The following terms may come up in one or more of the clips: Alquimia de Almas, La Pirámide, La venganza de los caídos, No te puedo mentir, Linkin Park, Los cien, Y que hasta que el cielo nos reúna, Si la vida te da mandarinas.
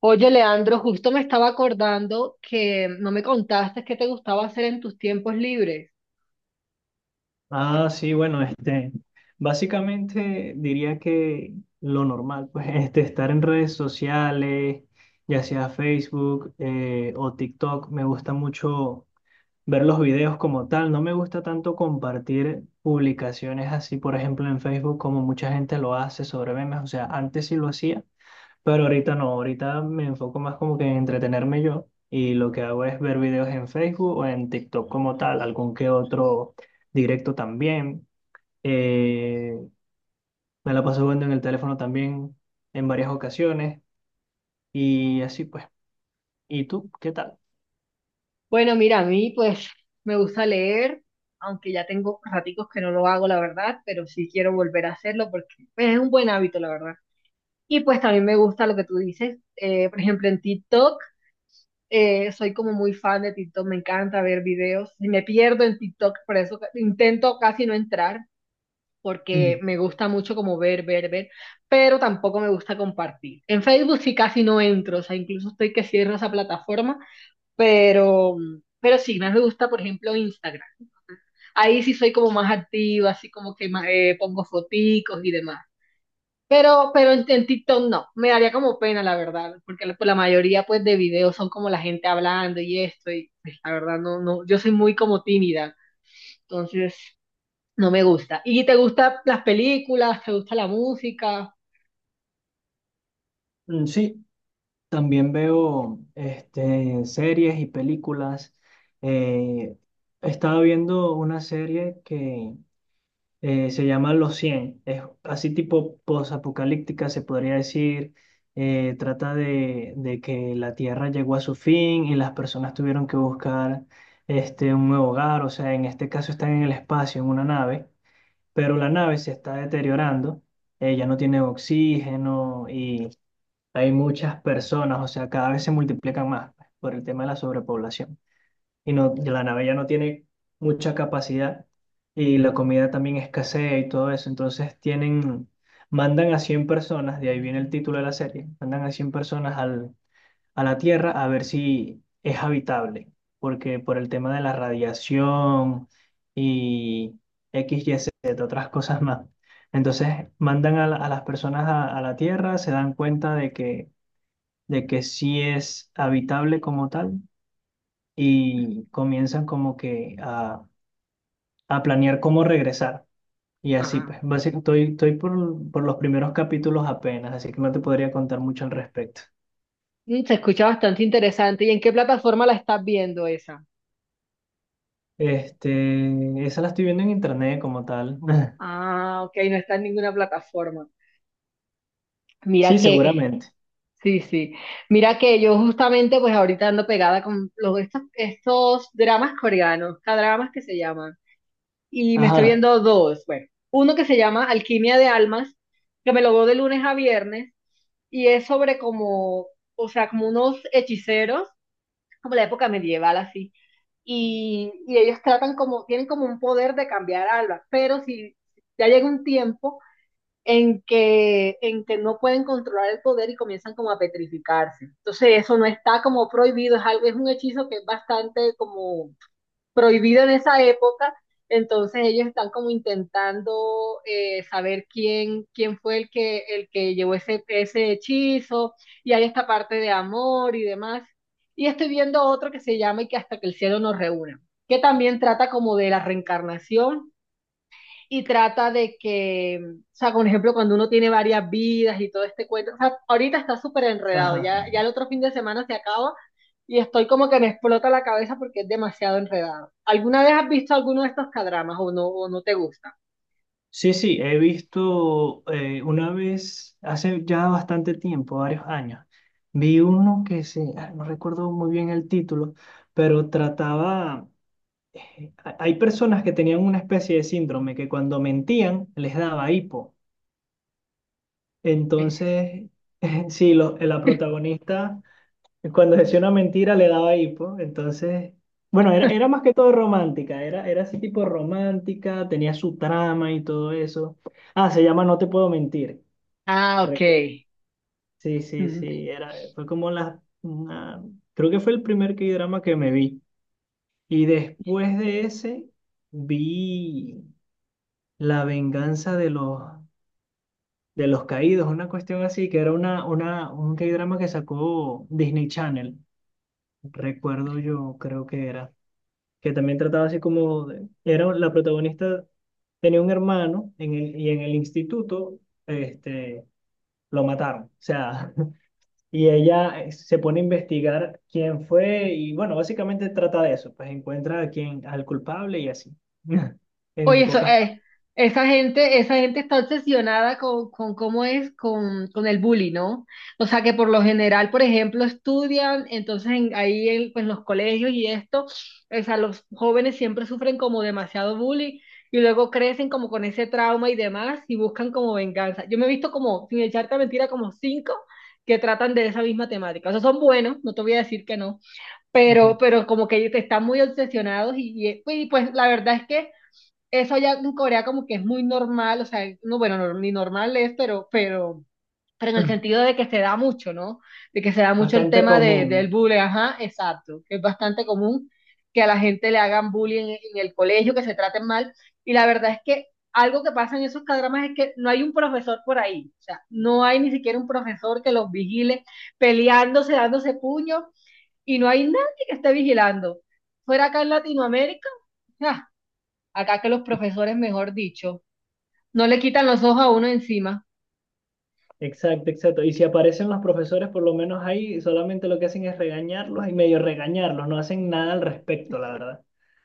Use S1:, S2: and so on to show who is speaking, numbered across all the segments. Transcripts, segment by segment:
S1: Oye, Leandro, justo me estaba acordando que no me contaste qué te gustaba hacer en tus tiempos libres.
S2: Ah, sí, bueno, este, básicamente diría que lo normal, pues, estar en redes sociales, ya sea Facebook o TikTok, me gusta mucho ver los videos como tal. No me gusta tanto compartir publicaciones así, por ejemplo, en Facebook, como mucha gente lo hace sobre memes. O sea, antes sí lo hacía, pero ahorita no, ahorita me enfoco más como que en entretenerme yo y lo que hago es ver videos en Facebook o en TikTok como tal, algún que otro directo también. Eh, Me la paso viendo en el teléfono también en varias ocasiones y así pues. ¿Y tú qué tal?
S1: Bueno, mira, a mí pues me gusta leer, aunque ya tengo raticos que no lo hago, la verdad, pero sí quiero volver a hacerlo porque pues, es un buen hábito, la verdad. Y pues también me gusta lo que tú dices, por ejemplo, en TikTok, soy como muy fan de TikTok, me encanta ver videos, y me pierdo en TikTok, por eso intento casi no entrar porque
S2: Mm.
S1: me gusta mucho como ver, ver, ver, pero tampoco me gusta compartir. En Facebook sí casi no entro, o sea, incluso estoy que cierro esa plataforma, pero, pero sí, más me gusta, por ejemplo, Instagram. Ahí sí soy como más activa, así como que pongo foticos y demás. Pero en TikTok no, me daría como pena, la verdad, porque la, pues, la mayoría pues de videos son como la gente hablando y esto, y pues, la verdad no, yo soy muy como tímida, entonces no me gusta. ¿Y te gustan las películas? ¿Te gusta la música?
S2: Mm, sí, también veo series y películas. Eh, Estaba viendo una serie que se llama Los Cien. Es así tipo posapocalíptica, se podría decir, trata de que la Tierra llegó a su fin y las personas tuvieron que buscar un nuevo hogar, o sea, en este caso están en el espacio, en una nave, pero la nave se está deteriorando, ya no tiene oxígeno y hay muchas personas, o sea, cada vez se multiplican más por el tema de la sobrepoblación y no, y la nave ya no tiene mucha capacidad y la comida también escasea y todo eso. Entonces tienen, mandan a 100 personas, de ahí viene el título de la serie, mandan a 100 personas al, a la Tierra, a ver si es habitable, porque por el tema de la radiación y X, Y, Z, otras cosas más. Entonces mandan a, a las personas a la Tierra, se dan cuenta de que sí es habitable como tal y comienzan como que a planear cómo regresar. Y así,
S1: Ah,
S2: pues, básicamente estoy por los primeros capítulos apenas, así que no te podría contar mucho al respecto.
S1: mm, se escucha bastante interesante. ¿Y en qué plataforma la estás viendo esa?
S2: Esa la estoy viendo en internet como tal.
S1: Ah, ok, no está en ninguna plataforma. Mira
S2: Sí,
S1: que,
S2: seguramente.
S1: sí, sí. Mira que yo justamente pues ahorita ando pegada con los, estos, estos dramas coreanos, dramas que se llaman. Y me estoy
S2: Ajá,
S1: viendo dos. Bueno, uno que se llama Alquimia de Almas, que me lo veo de lunes a viernes, y es sobre como, o sea, como unos hechiceros como la época medieval así. Y ellos tratan como, tienen como un poder de cambiar algo, pero si ya llega un tiempo en que no pueden controlar el poder y comienzan como a petrificarse. Entonces eso no está como prohibido, es algo, es un hechizo que es bastante como prohibido en esa época, entonces ellos están como intentando saber quién, quién fue el que llevó ese, ese hechizo, y hay esta parte de amor y demás. Y estoy viendo otro que se llama Y que hasta que el cielo nos reúna, que también trata como de la reencarnación y trata de que, o sea, por ejemplo, cuando uno tiene varias vidas y todo este cuento, o sea, ahorita está súper enredado,
S2: ajá.
S1: ya el otro fin de semana se acaba y estoy como que me explota la cabeza porque es demasiado enredado. ¿Alguna vez has visto alguno de estos cadramas o no te gusta?
S2: Sí, sí, he visto una vez, hace ya bastante tiempo, varios años, vi uno que se, ah, no recuerdo muy bien el título, pero trataba. Hay personas que tenían una especie de síndrome que cuando mentían les daba hipo. Entonces, sí, la protagonista cuando decía una mentira le daba hipo. Entonces, bueno, era más que todo romántica, era así tipo romántica, tenía su trama y todo eso. Ah, se llama No Te Puedo Mentir.
S1: Ah, ok.
S2: Recuerdo. Sí, sí, sí, era, fue como creo que fue el primer K-drama que me vi. Y después de ese, vi... La venganza de los caídos, una cuestión así, que era un K-drama que sacó Disney Channel, recuerdo yo, creo que era, que también trataba así como, era la protagonista, tenía un hermano en el, y en el instituto este, lo mataron, o sea, y ella se pone a investigar quién fue y bueno, básicamente trata de eso, pues encuentra a quién, al culpable y así,
S1: Oye,
S2: en
S1: eso,
S2: pocas partes.
S1: esa gente está obsesionada con cómo es con el bully, ¿no? O sea que por lo general, por ejemplo, estudian, ahí en pues, los colegios y esto, o sea, los jóvenes siempre sufren como demasiado bullying y luego crecen como con ese trauma y demás y buscan como venganza. Yo me he visto como, sin echarte mentira, como cinco que tratan de esa misma temática. O sea, son buenos, no te voy a decir que no,
S2: Ujú.
S1: pero como que ellos están muy obsesionados pues pues, la verdad es que eso allá en Corea como que es muy normal, o sea, no, bueno, ni normal es, pero en el sentido de que se da mucho, ¿no? De que se da mucho el
S2: Bastante
S1: tema de, del
S2: común.
S1: bullying, ajá, exacto, que es bastante común que a la gente le hagan bullying en el colegio, que se traten mal, y la verdad es que algo que pasa en esos cadramas es que no hay un profesor por ahí, o sea, no hay ni siquiera un profesor que los vigile peleándose, dándose puños, y no hay nadie que esté vigilando. Fuera acá en Latinoamérica, ja, acá que los profesores, mejor dicho, no le quitan los ojos a uno encima.
S2: Exacto, exacto. Y si aparecen los profesores, por lo menos ahí solamente lo que hacen es regañarlos y medio regañarlos, no hacen nada al respecto, la verdad.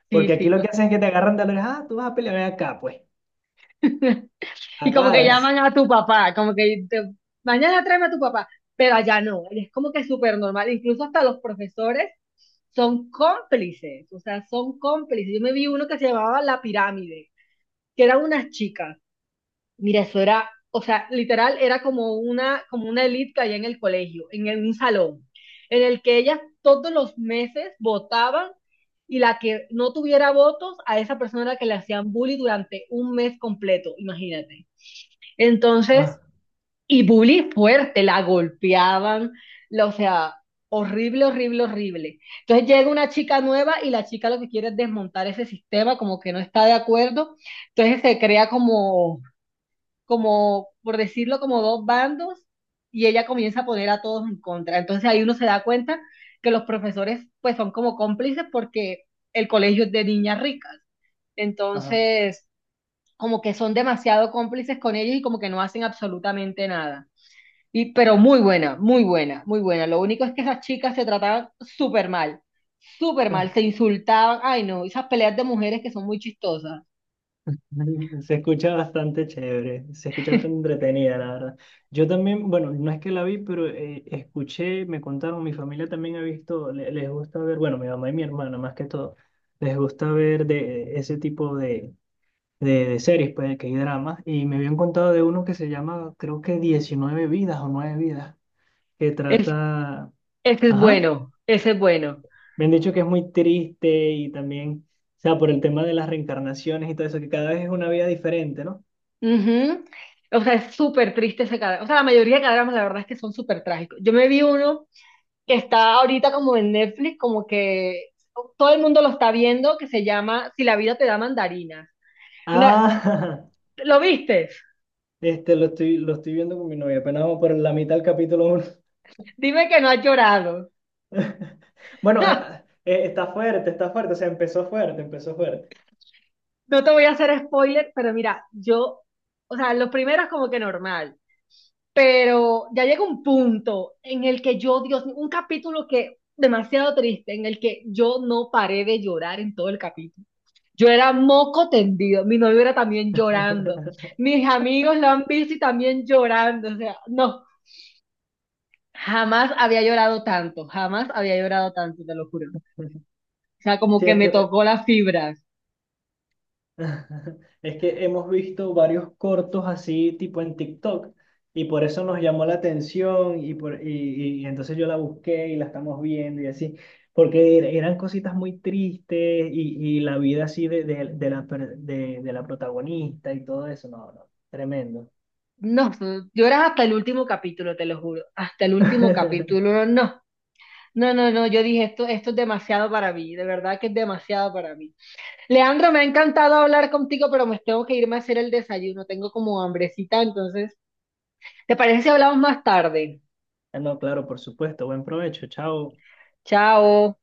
S1: Sí,
S2: Porque aquí
S1: sí.
S2: lo que hacen es que te agarran de la oreja, ah, tú vas a pelear ven acá, pues,
S1: Y como que
S2: agárrese.
S1: llaman a tu papá, como que mañana tráeme a tu papá, pero allá no, es como que súper normal, incluso hasta los profesores son cómplices, o sea, son cómplices. Yo me vi uno que se llamaba La Pirámide, que eran unas chicas, mira, eso era, o sea, literal era como una elite que había en el colegio, un salón, en el que ellas todos los meses votaban y la que no tuviera votos, a esa persona era la que le hacían bullying durante un mes completo, imagínate.
S2: Ah,
S1: Entonces, y bullying fuerte, la golpeaban, o sea, horrible, horrible, horrible. Entonces llega una chica nueva y la chica lo que quiere es desmontar ese sistema, como que no está de acuerdo. Entonces se crea como por decirlo, como dos bandos y ella comienza a poner a todos en contra. Entonces ahí uno se da cuenta que los profesores pues son como cómplices porque el colegio es de niñas ricas.
S2: ajá,
S1: Entonces, como que son demasiado cómplices con ellos y como que no hacen absolutamente nada. Y, pero muy buena, muy buena, muy buena. Lo único es que esas chicas se trataban súper mal,
S2: ah.
S1: se insultaban. Ay, no, esas peleas de mujeres que son muy chistosas.
S2: Se escucha bastante chévere, se escucha bastante entretenida, la verdad. Yo también, bueno, no es que la vi, pero escuché, me contaron, mi familia también ha visto, les gusta ver, bueno, mi mamá y mi hermana más que todo, les gusta ver de ese tipo de de series, pues, de que hay dramas, y me habían contado de uno que se llama, creo que 19 vidas o 9 vidas, que
S1: Es,
S2: trata,
S1: ese es
S2: ajá,
S1: bueno, ese es bueno.
S2: me han dicho que es muy triste y también, o sea, por el tema de las reencarnaciones y todo eso, que cada vez es una vida diferente, ¿no?
S1: Ujú. O sea, es súper triste ese cadáver. O sea, la mayoría de cadáveres, la verdad es que son súper trágicos. Yo me vi uno que está ahorita como en Netflix, como que todo el mundo lo está viendo, que se llama Si la vida te da mandarinas. Mira,
S2: Ah,
S1: ¿lo viste?
S2: lo lo estoy viendo con mi novia, apenas vamos por la mitad del capítulo 1.
S1: Dime que no has llorado.
S2: Bueno, está fuerte, o sea, empezó fuerte, empezó fuerte.
S1: No te voy a hacer spoiler, pero mira, yo, o sea, lo primero es como que normal, pero ya llega un punto en el que yo, Dios mío, un capítulo que demasiado triste, en el que yo no paré de llorar en todo el capítulo. Yo era moco tendido, mi novio era también llorando, mis amigos lo han visto y también llorando, o sea, no, jamás había llorado tanto, jamás había llorado tanto, te lo juro. O sea, como
S2: Sí,
S1: que
S2: es que
S1: me tocó las fibras.
S2: es que hemos visto varios cortos así, tipo en TikTok, y por eso nos llamó la atención, y, y entonces yo la busqué y la estamos viendo y así, porque eran cositas muy tristes y la vida así de la, de la protagonista y todo eso, no, no, tremendo.
S1: No, lloras hasta el último capítulo, te lo juro, hasta el último capítulo, no. No, no, no, yo dije, esto es demasiado para mí, de verdad que es demasiado para mí. Leandro, me ha encantado hablar contigo, pero me tengo que irme a hacer el desayuno, tengo como hambrecita, entonces, ¿te parece si hablamos más tarde?
S2: No, claro, por supuesto, buen provecho, chao.
S1: Chao.